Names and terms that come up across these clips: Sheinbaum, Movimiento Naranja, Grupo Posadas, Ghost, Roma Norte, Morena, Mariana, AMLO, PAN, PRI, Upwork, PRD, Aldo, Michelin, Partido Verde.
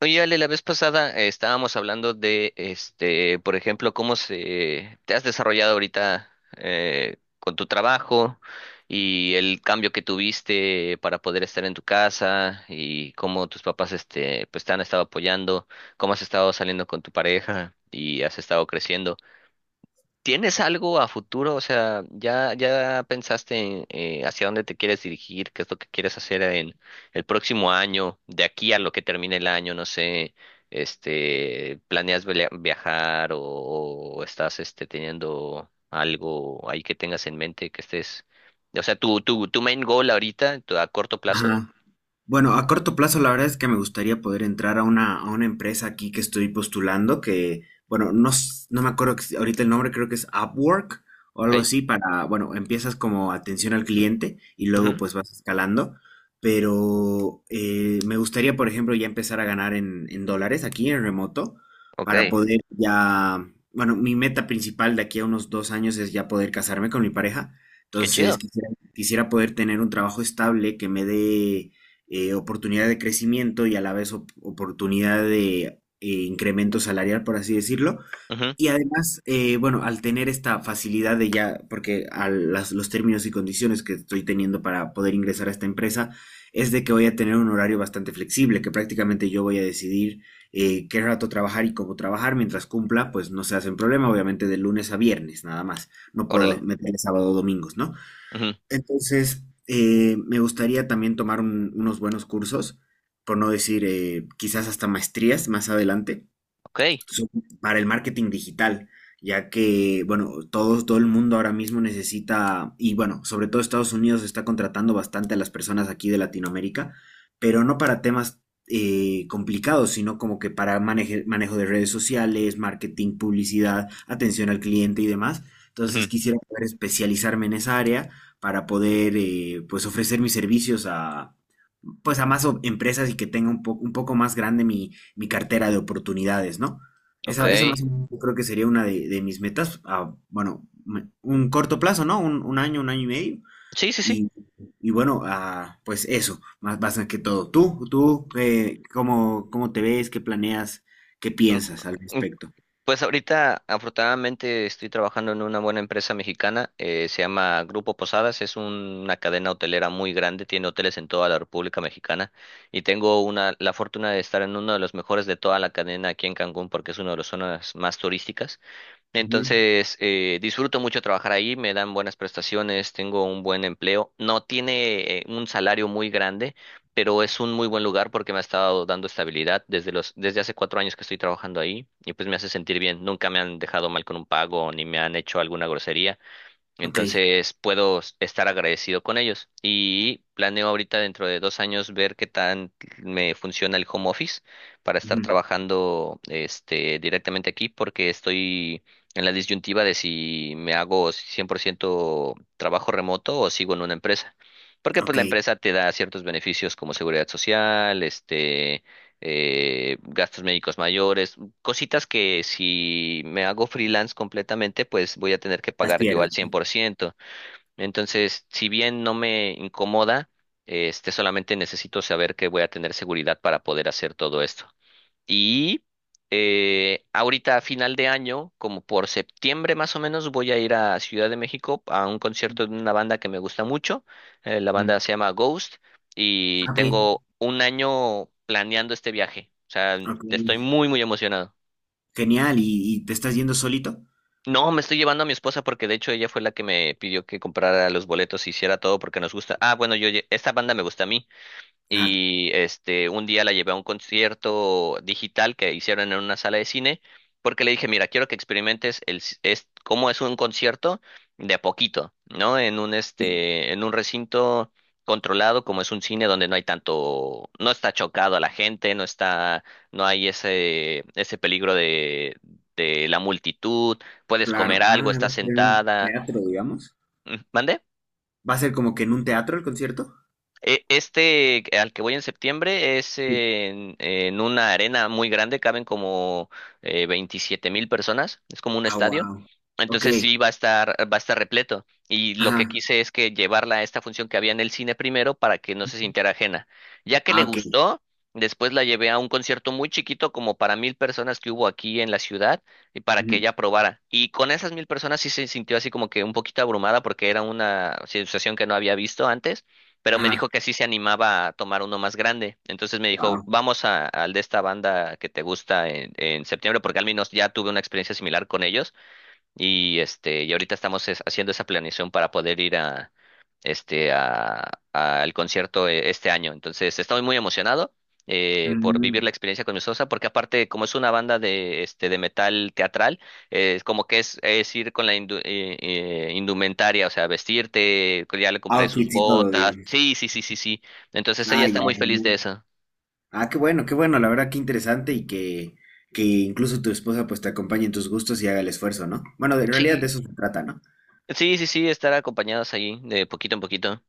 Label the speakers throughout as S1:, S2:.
S1: Oye, Ale, la vez pasada estábamos hablando de, por ejemplo, cómo se te has desarrollado ahorita con tu trabajo y el cambio que tuviste para poder estar en tu casa y cómo tus papás, pues te han estado apoyando, cómo has estado saliendo con tu pareja y has estado creciendo. ¿Tienes algo a futuro? O sea, ¿ya pensaste en hacia dónde te quieres dirigir? ¿Qué es lo que quieres hacer en el próximo año? De aquí a lo que termine el año, no sé, ¿planeas viajar o estás teniendo algo ahí que tengas en mente que estés... O sea, tu main goal ahorita, a corto plazo,
S2: Ajá. Bueno, a corto plazo la verdad es que me gustaría poder entrar a una empresa aquí que estoy postulando, que, bueno, no, s- no me acuerdo ex- ahorita el nombre, creo que es Upwork o algo
S1: ok,
S2: así, para, bueno, empiezas como atención al cliente y luego
S1: ujú,
S2: pues vas escalando, pero me gustaría, por ejemplo, ya empezar a ganar en dólares aquí en remoto
S1: ok,
S2: para poder ya, bueno, mi meta principal de aquí a unos 2 años es ya poder casarme con mi pareja,
S1: qué
S2: entonces
S1: chido,
S2: quisiera, quisiera poder tener un trabajo estable que me dé oportunidad de crecimiento y a la vez op oportunidad de incremento salarial, por así decirlo.
S1: ujú,
S2: Y además, bueno, al tener esta facilidad de ya, porque a las, los términos y condiciones que estoy teniendo para poder ingresar a esta empresa, es de que voy a tener un horario bastante flexible, que prácticamente yo voy a decidir qué rato trabajar y cómo trabajar, mientras cumpla, pues no se hacen problema, obviamente de lunes a viernes, nada más. No puedo
S1: órale,
S2: meterle sábado o domingos, ¿no?
S1: ujú,
S2: Entonces, me gustaría también tomar unos buenos cursos, por no decir quizás hasta maestrías más adelante,
S1: ok,
S2: so- para el marketing digital, ya que, bueno, todo el mundo ahora mismo necesita, y bueno, sobre todo Estados Unidos está contratando bastante a las personas aquí de Latinoamérica, pero no para temas complicados, sino como que para manejo de redes sociales, marketing, publicidad, atención al cliente y demás. Entonces
S1: ujú,
S2: quisiera poder especializarme en esa área para poder, pues, ofrecer mis servicios pues a empresas y que tenga un, un poco más grande mi, mi cartera de oportunidades, ¿no?
S1: ok,
S2: Esa más o menos yo creo que sería una de mis metas, a, bueno, un corto plazo, ¿no? Un año y medio.
S1: sí, sí,
S2: Y, bueno, ah, pues eso, más, más que todo. ¿Tú, cómo, cómo te ves, qué planeas, qué piensas al
S1: sí.
S2: respecto?
S1: Pues ahorita, afortunadamente, estoy trabajando en una buena empresa mexicana. Se llama Grupo Posadas, es una cadena hotelera muy grande, tiene hoteles en toda la República Mexicana y tengo una, la fortuna de estar en uno de los mejores de toda la cadena aquí en Cancún porque es una de las zonas más turísticas.
S2: Ujú.
S1: Entonces, disfruto mucho trabajar ahí, me dan buenas prestaciones, tengo un buen empleo. No tiene un salario muy grande, pero es un muy buen lugar porque me ha estado dando estabilidad desde los, desde hace 4 años que estoy trabajando ahí y pues me hace sentir bien. Nunca me han dejado mal con un pago ni me han hecho alguna grosería.
S2: Ok.
S1: Entonces puedo estar agradecido con ellos y planeo ahorita dentro de 2 años ver qué tan me funciona el home office para estar
S2: Ujú.
S1: trabajando directamente aquí porque estoy en la disyuntiva de si me hago 100% trabajo remoto o sigo en una empresa. Porque pues
S2: Ok,
S1: la empresa te da ciertos beneficios como seguridad social, gastos médicos mayores, cositas que si me hago freelance completamente, pues voy a tener que
S2: las
S1: pagar yo al
S2: pierdes.
S1: 100%. Entonces, si bien no me incomoda, solamente necesito saber que voy a tener seguridad para poder hacer todo esto. Y ahorita a final de año, como por septiembre más o menos, voy a ir a Ciudad de México a un concierto de una banda que me gusta mucho. La
S2: Ujú.
S1: banda se llama Ghost y
S2: Ok.
S1: tengo un año planeando este viaje. O sea,
S2: Ok,
S1: estoy muy, muy emocionado.
S2: genial. Y te estás yendo solito?
S1: No, me estoy llevando a mi esposa porque de hecho ella fue la que me pidió que comprara los boletos y hiciera todo porque nos gusta. Ah, bueno, esta banda me gusta a mí
S2: Ajá.
S1: y un día la llevé a un concierto digital que hicieron en una sala de cine porque le dije, mira, quiero que experimentes es cómo es un concierto de a poquito, ¿no? En un
S2: Sí.
S1: este en un recinto controlado como es un cine donde no hay tanto, no está chocado a la gente, no hay ese peligro de la multitud, puedes
S2: Claro.
S1: comer algo,
S2: Ah, va
S1: estás
S2: a ser en un
S1: sentada.
S2: teatro, digamos.
S1: Mm, ¿mande?
S2: ¿Va a ser como que en un teatro el concierto?
S1: Este al que voy en septiembre es
S2: Sí.
S1: en una arena muy grande, caben como 27 mil personas, es como un
S2: Ah,
S1: estadio.
S2: wow. Ok.
S1: Entonces sí va a estar repleto. Y lo
S2: Ajá.
S1: que quise es que llevarla a esta función que había en el cine primero para que no se sintiera ajena. Ya que le
S2: Ah, ok.
S1: gustó, después la llevé a un concierto muy chiquito, como para 1,000 personas que hubo aquí en la ciudad, y para que
S2: Ujú.
S1: ella probara. Y con esas 1,000 personas sí se sintió así como que un poquito abrumada porque era una situación que no había visto antes, pero me dijo
S2: Ajá.
S1: que sí se animaba a tomar uno más grande. Entonces me dijo,
S2: Wow.
S1: vamos al de esta banda que te gusta en septiembre, porque al menos ya tuve una experiencia similar con ellos, y y ahorita estamos haciendo esa planeación para poder ir al concierto este año. Entonces, estoy muy emocionado por vivir la
S2: Mm.
S1: experiencia con mi sosa, porque aparte, como es una banda de de metal teatral, es como que es ir con la indumentaria, o sea, vestirte, ya le compré sus
S2: Outfits y todo,
S1: botas.
S2: digamos.
S1: Sí, sí, sí, sí, sí. Entonces ella
S2: Ah, ya,
S1: está muy feliz de
S2: genial.
S1: eso.
S2: Ah, qué bueno, qué bueno. La verdad, qué interesante y que incluso tu esposa pues te acompañe en tus gustos y haga el esfuerzo, ¿no? Bueno, en realidad de
S1: Sí.
S2: eso se trata, ¿no?
S1: Sí, sí, sí, estar acompañados ahí de poquito en poquito.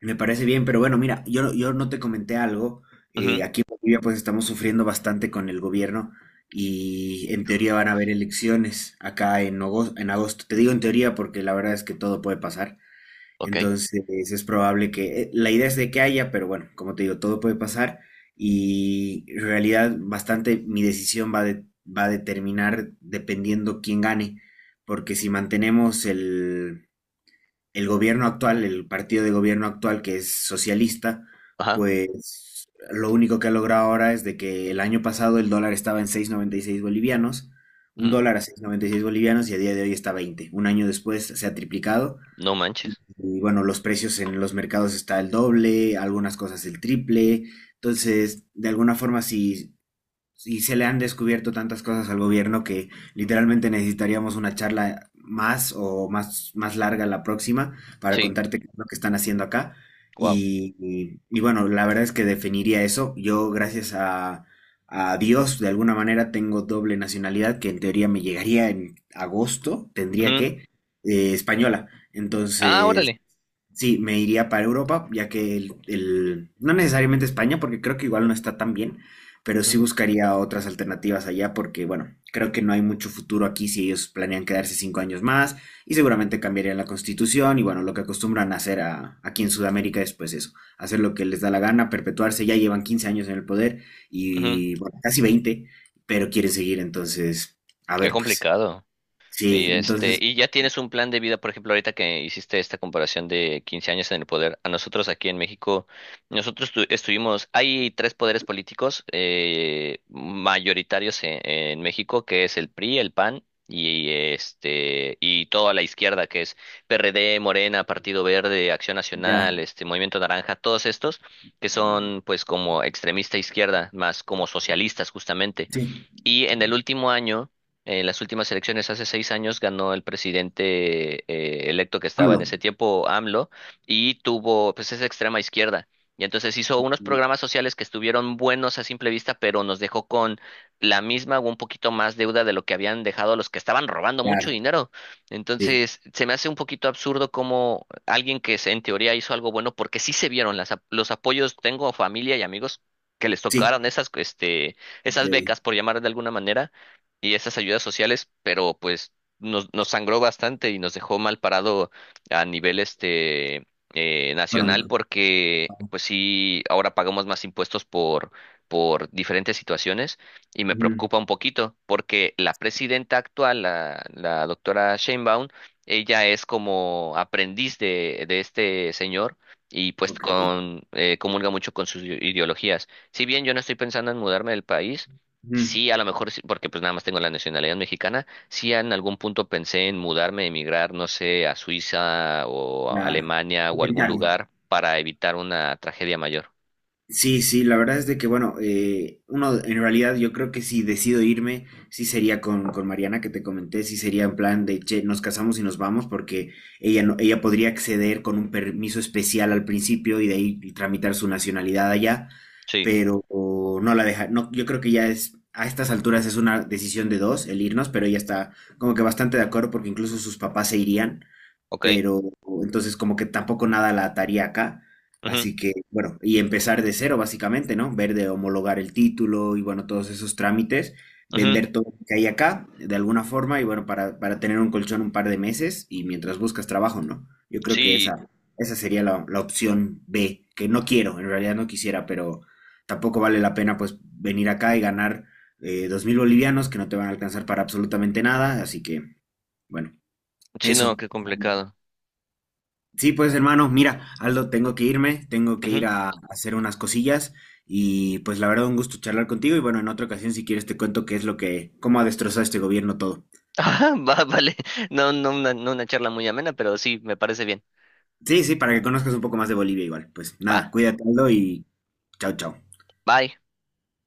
S2: Me parece bien, pero bueno, mira, yo no te comenté algo.
S1: Ujú.
S2: Aquí en Bolivia pues estamos sufriendo bastante con el gobierno y en teoría van a haber elecciones acá en agosto, en agosto. Te digo en teoría porque la verdad es que todo puede pasar.
S1: Ok.
S2: Entonces es probable que la idea es de que haya, pero bueno, como te digo, todo puede pasar y en realidad bastante mi decisión va, va a determinar dependiendo quién gane, porque si mantenemos el gobierno actual, el partido de gobierno actual que es socialista,
S1: Ajá.
S2: pues lo único que ha logrado ahora es de que el año pasado el dólar estaba en 6,96 bolivianos, un
S1: Ujú.
S2: dólar a 6,96 bolivianos y a día de hoy está a 20. Un año después se ha triplicado
S1: No manches.
S2: y bueno, los precios en los mercados está el doble, algunas cosas el triple. Entonces, de alguna forma, si y se le han descubierto tantas cosas al gobierno que literalmente necesitaríamos una charla más más larga la próxima para
S1: Sí,
S2: contarte qué es lo que están haciendo acá.
S1: wow.
S2: Y, y bueno, la verdad es que definiría eso. Yo, gracias a Dios, de alguna manera tengo doble nacionalidad que en teoría me llegaría en agosto, tendría que, española.
S1: Ah,
S2: Entonces...
S1: órale.
S2: Sí, me iría para Europa, ya que el, no necesariamente España, porque creo que igual no está tan bien, pero sí
S1: Ujú,
S2: buscaría otras alternativas allá porque, bueno, creo que no hay mucho futuro aquí si ellos planean quedarse 5 años más y seguramente cambiarían la constitución y, bueno, lo que acostumbran a hacer aquí en Sudamérica es pues eso, hacer lo que les da la gana, perpetuarse, ya llevan 15 años en el poder
S1: ujú.
S2: y, bueno, casi 20 pero quieren seguir, entonces, a
S1: Qué
S2: ver, pues,
S1: complicado.
S2: sí,
S1: Y
S2: entonces,
S1: y ya tienes un plan de vida, por ejemplo, ahorita que hiciste esta comparación de 15 años en el poder. A nosotros aquí en México, nosotros estuvimos, hay tres poderes políticos mayoritarios en México, que es el PRI, el PAN y y toda la izquierda, que es PRD, Morena, Partido Verde, Acción
S2: ya,
S1: Nacional, Movimiento Naranja, todos estos que son pues como extremista izquierda, más como socialistas justamente.
S2: sí,
S1: Y en el último año, en las últimas elecciones hace 6 años, ganó el presidente electo que estaba
S2: AMLO,
S1: en ese tiempo, AMLO, y tuvo, pues es extrema izquierda. Y entonces hizo unos
S2: mm,
S1: programas sociales que estuvieron buenos a simple vista, pero nos dejó con la misma o un poquito más deuda de lo que habían dejado los que estaban robando mucho
S2: claro,
S1: dinero.
S2: sí,
S1: Entonces, se me hace un poquito absurdo como alguien que en teoría hizo algo bueno, porque sí se vieron las, los apoyos, tengo familia y amigos que les
S2: sí,
S1: tocaron esas,
S2: ok,
S1: esas becas, por llamar de alguna manera, y esas ayudas sociales, pero pues nos sangró bastante y nos dejó mal parado a nivel nacional,
S2: económico,
S1: porque pues sí, ahora pagamos más impuestos por diferentes situaciones y me
S2: ujú,
S1: preocupa un poquito porque la presidenta actual, la doctora Sheinbaum, ella es como aprendiz de este señor y pues
S2: ok,
S1: con, comulga mucho con sus ideologías. Si bien yo no estoy pensando en mudarme del país,
S2: ujú,
S1: sí, a lo mejor, porque pues nada más tengo la nacionalidad mexicana, sí en algún punto pensé en mudarme, emigrar, no sé, a Suiza o a
S2: claro,
S1: Alemania o algún
S2: intentarlo.
S1: lugar para evitar una tragedia mayor.
S2: Sí, sí, la verdad es de que, bueno, uno, en realidad yo creo que si decido irme, sí sería con Mariana que te comenté, sí sería en plan de, che, nos casamos y nos vamos porque ella, no, ella podría acceder con un permiso especial al principio y de ahí tramitar su nacionalidad allá,
S1: Sí,
S2: pero o, no la deja, no, yo creo que ya es, a estas alturas es una decisión de dos el irnos, pero ella está como que bastante de acuerdo porque incluso sus papás se irían
S1: ok.
S2: pero entonces como que tampoco nada la ataría acá.
S1: Ujú,
S2: Así que, bueno, y empezar de cero básicamente, ¿no? Ver de homologar el título y bueno, todos esos trámites,
S1: ujú.
S2: vender todo lo que hay acá de alguna forma y bueno, para tener un colchón un par de meses y mientras buscas trabajo, ¿no? Yo creo que
S1: Sí,
S2: esa sería la, la opción B, que no quiero, en realidad no quisiera, pero tampoco vale la pena pues venir acá y ganar 2.000 bolivianos que no te van a alcanzar para absolutamente nada, así que, bueno,
S1: sí, no,
S2: eso.
S1: qué complicado.
S2: Sí, pues hermano, mira, Aldo, tengo que irme, tengo que
S1: Ujú.
S2: ir a hacer unas cosillas y pues la verdad un gusto charlar contigo y bueno, en otra ocasión si quieres te cuento qué es lo que, cómo ha destrozado este gobierno todo.
S1: Ah, va, vale. No, no, no una charla muy amena, pero sí, me parece bien.
S2: Sí, sí, para que conozcas un poco más de Bolivia igual. Pues
S1: Va,
S2: nada, cuídate, Aldo, y chao, chao.
S1: bye.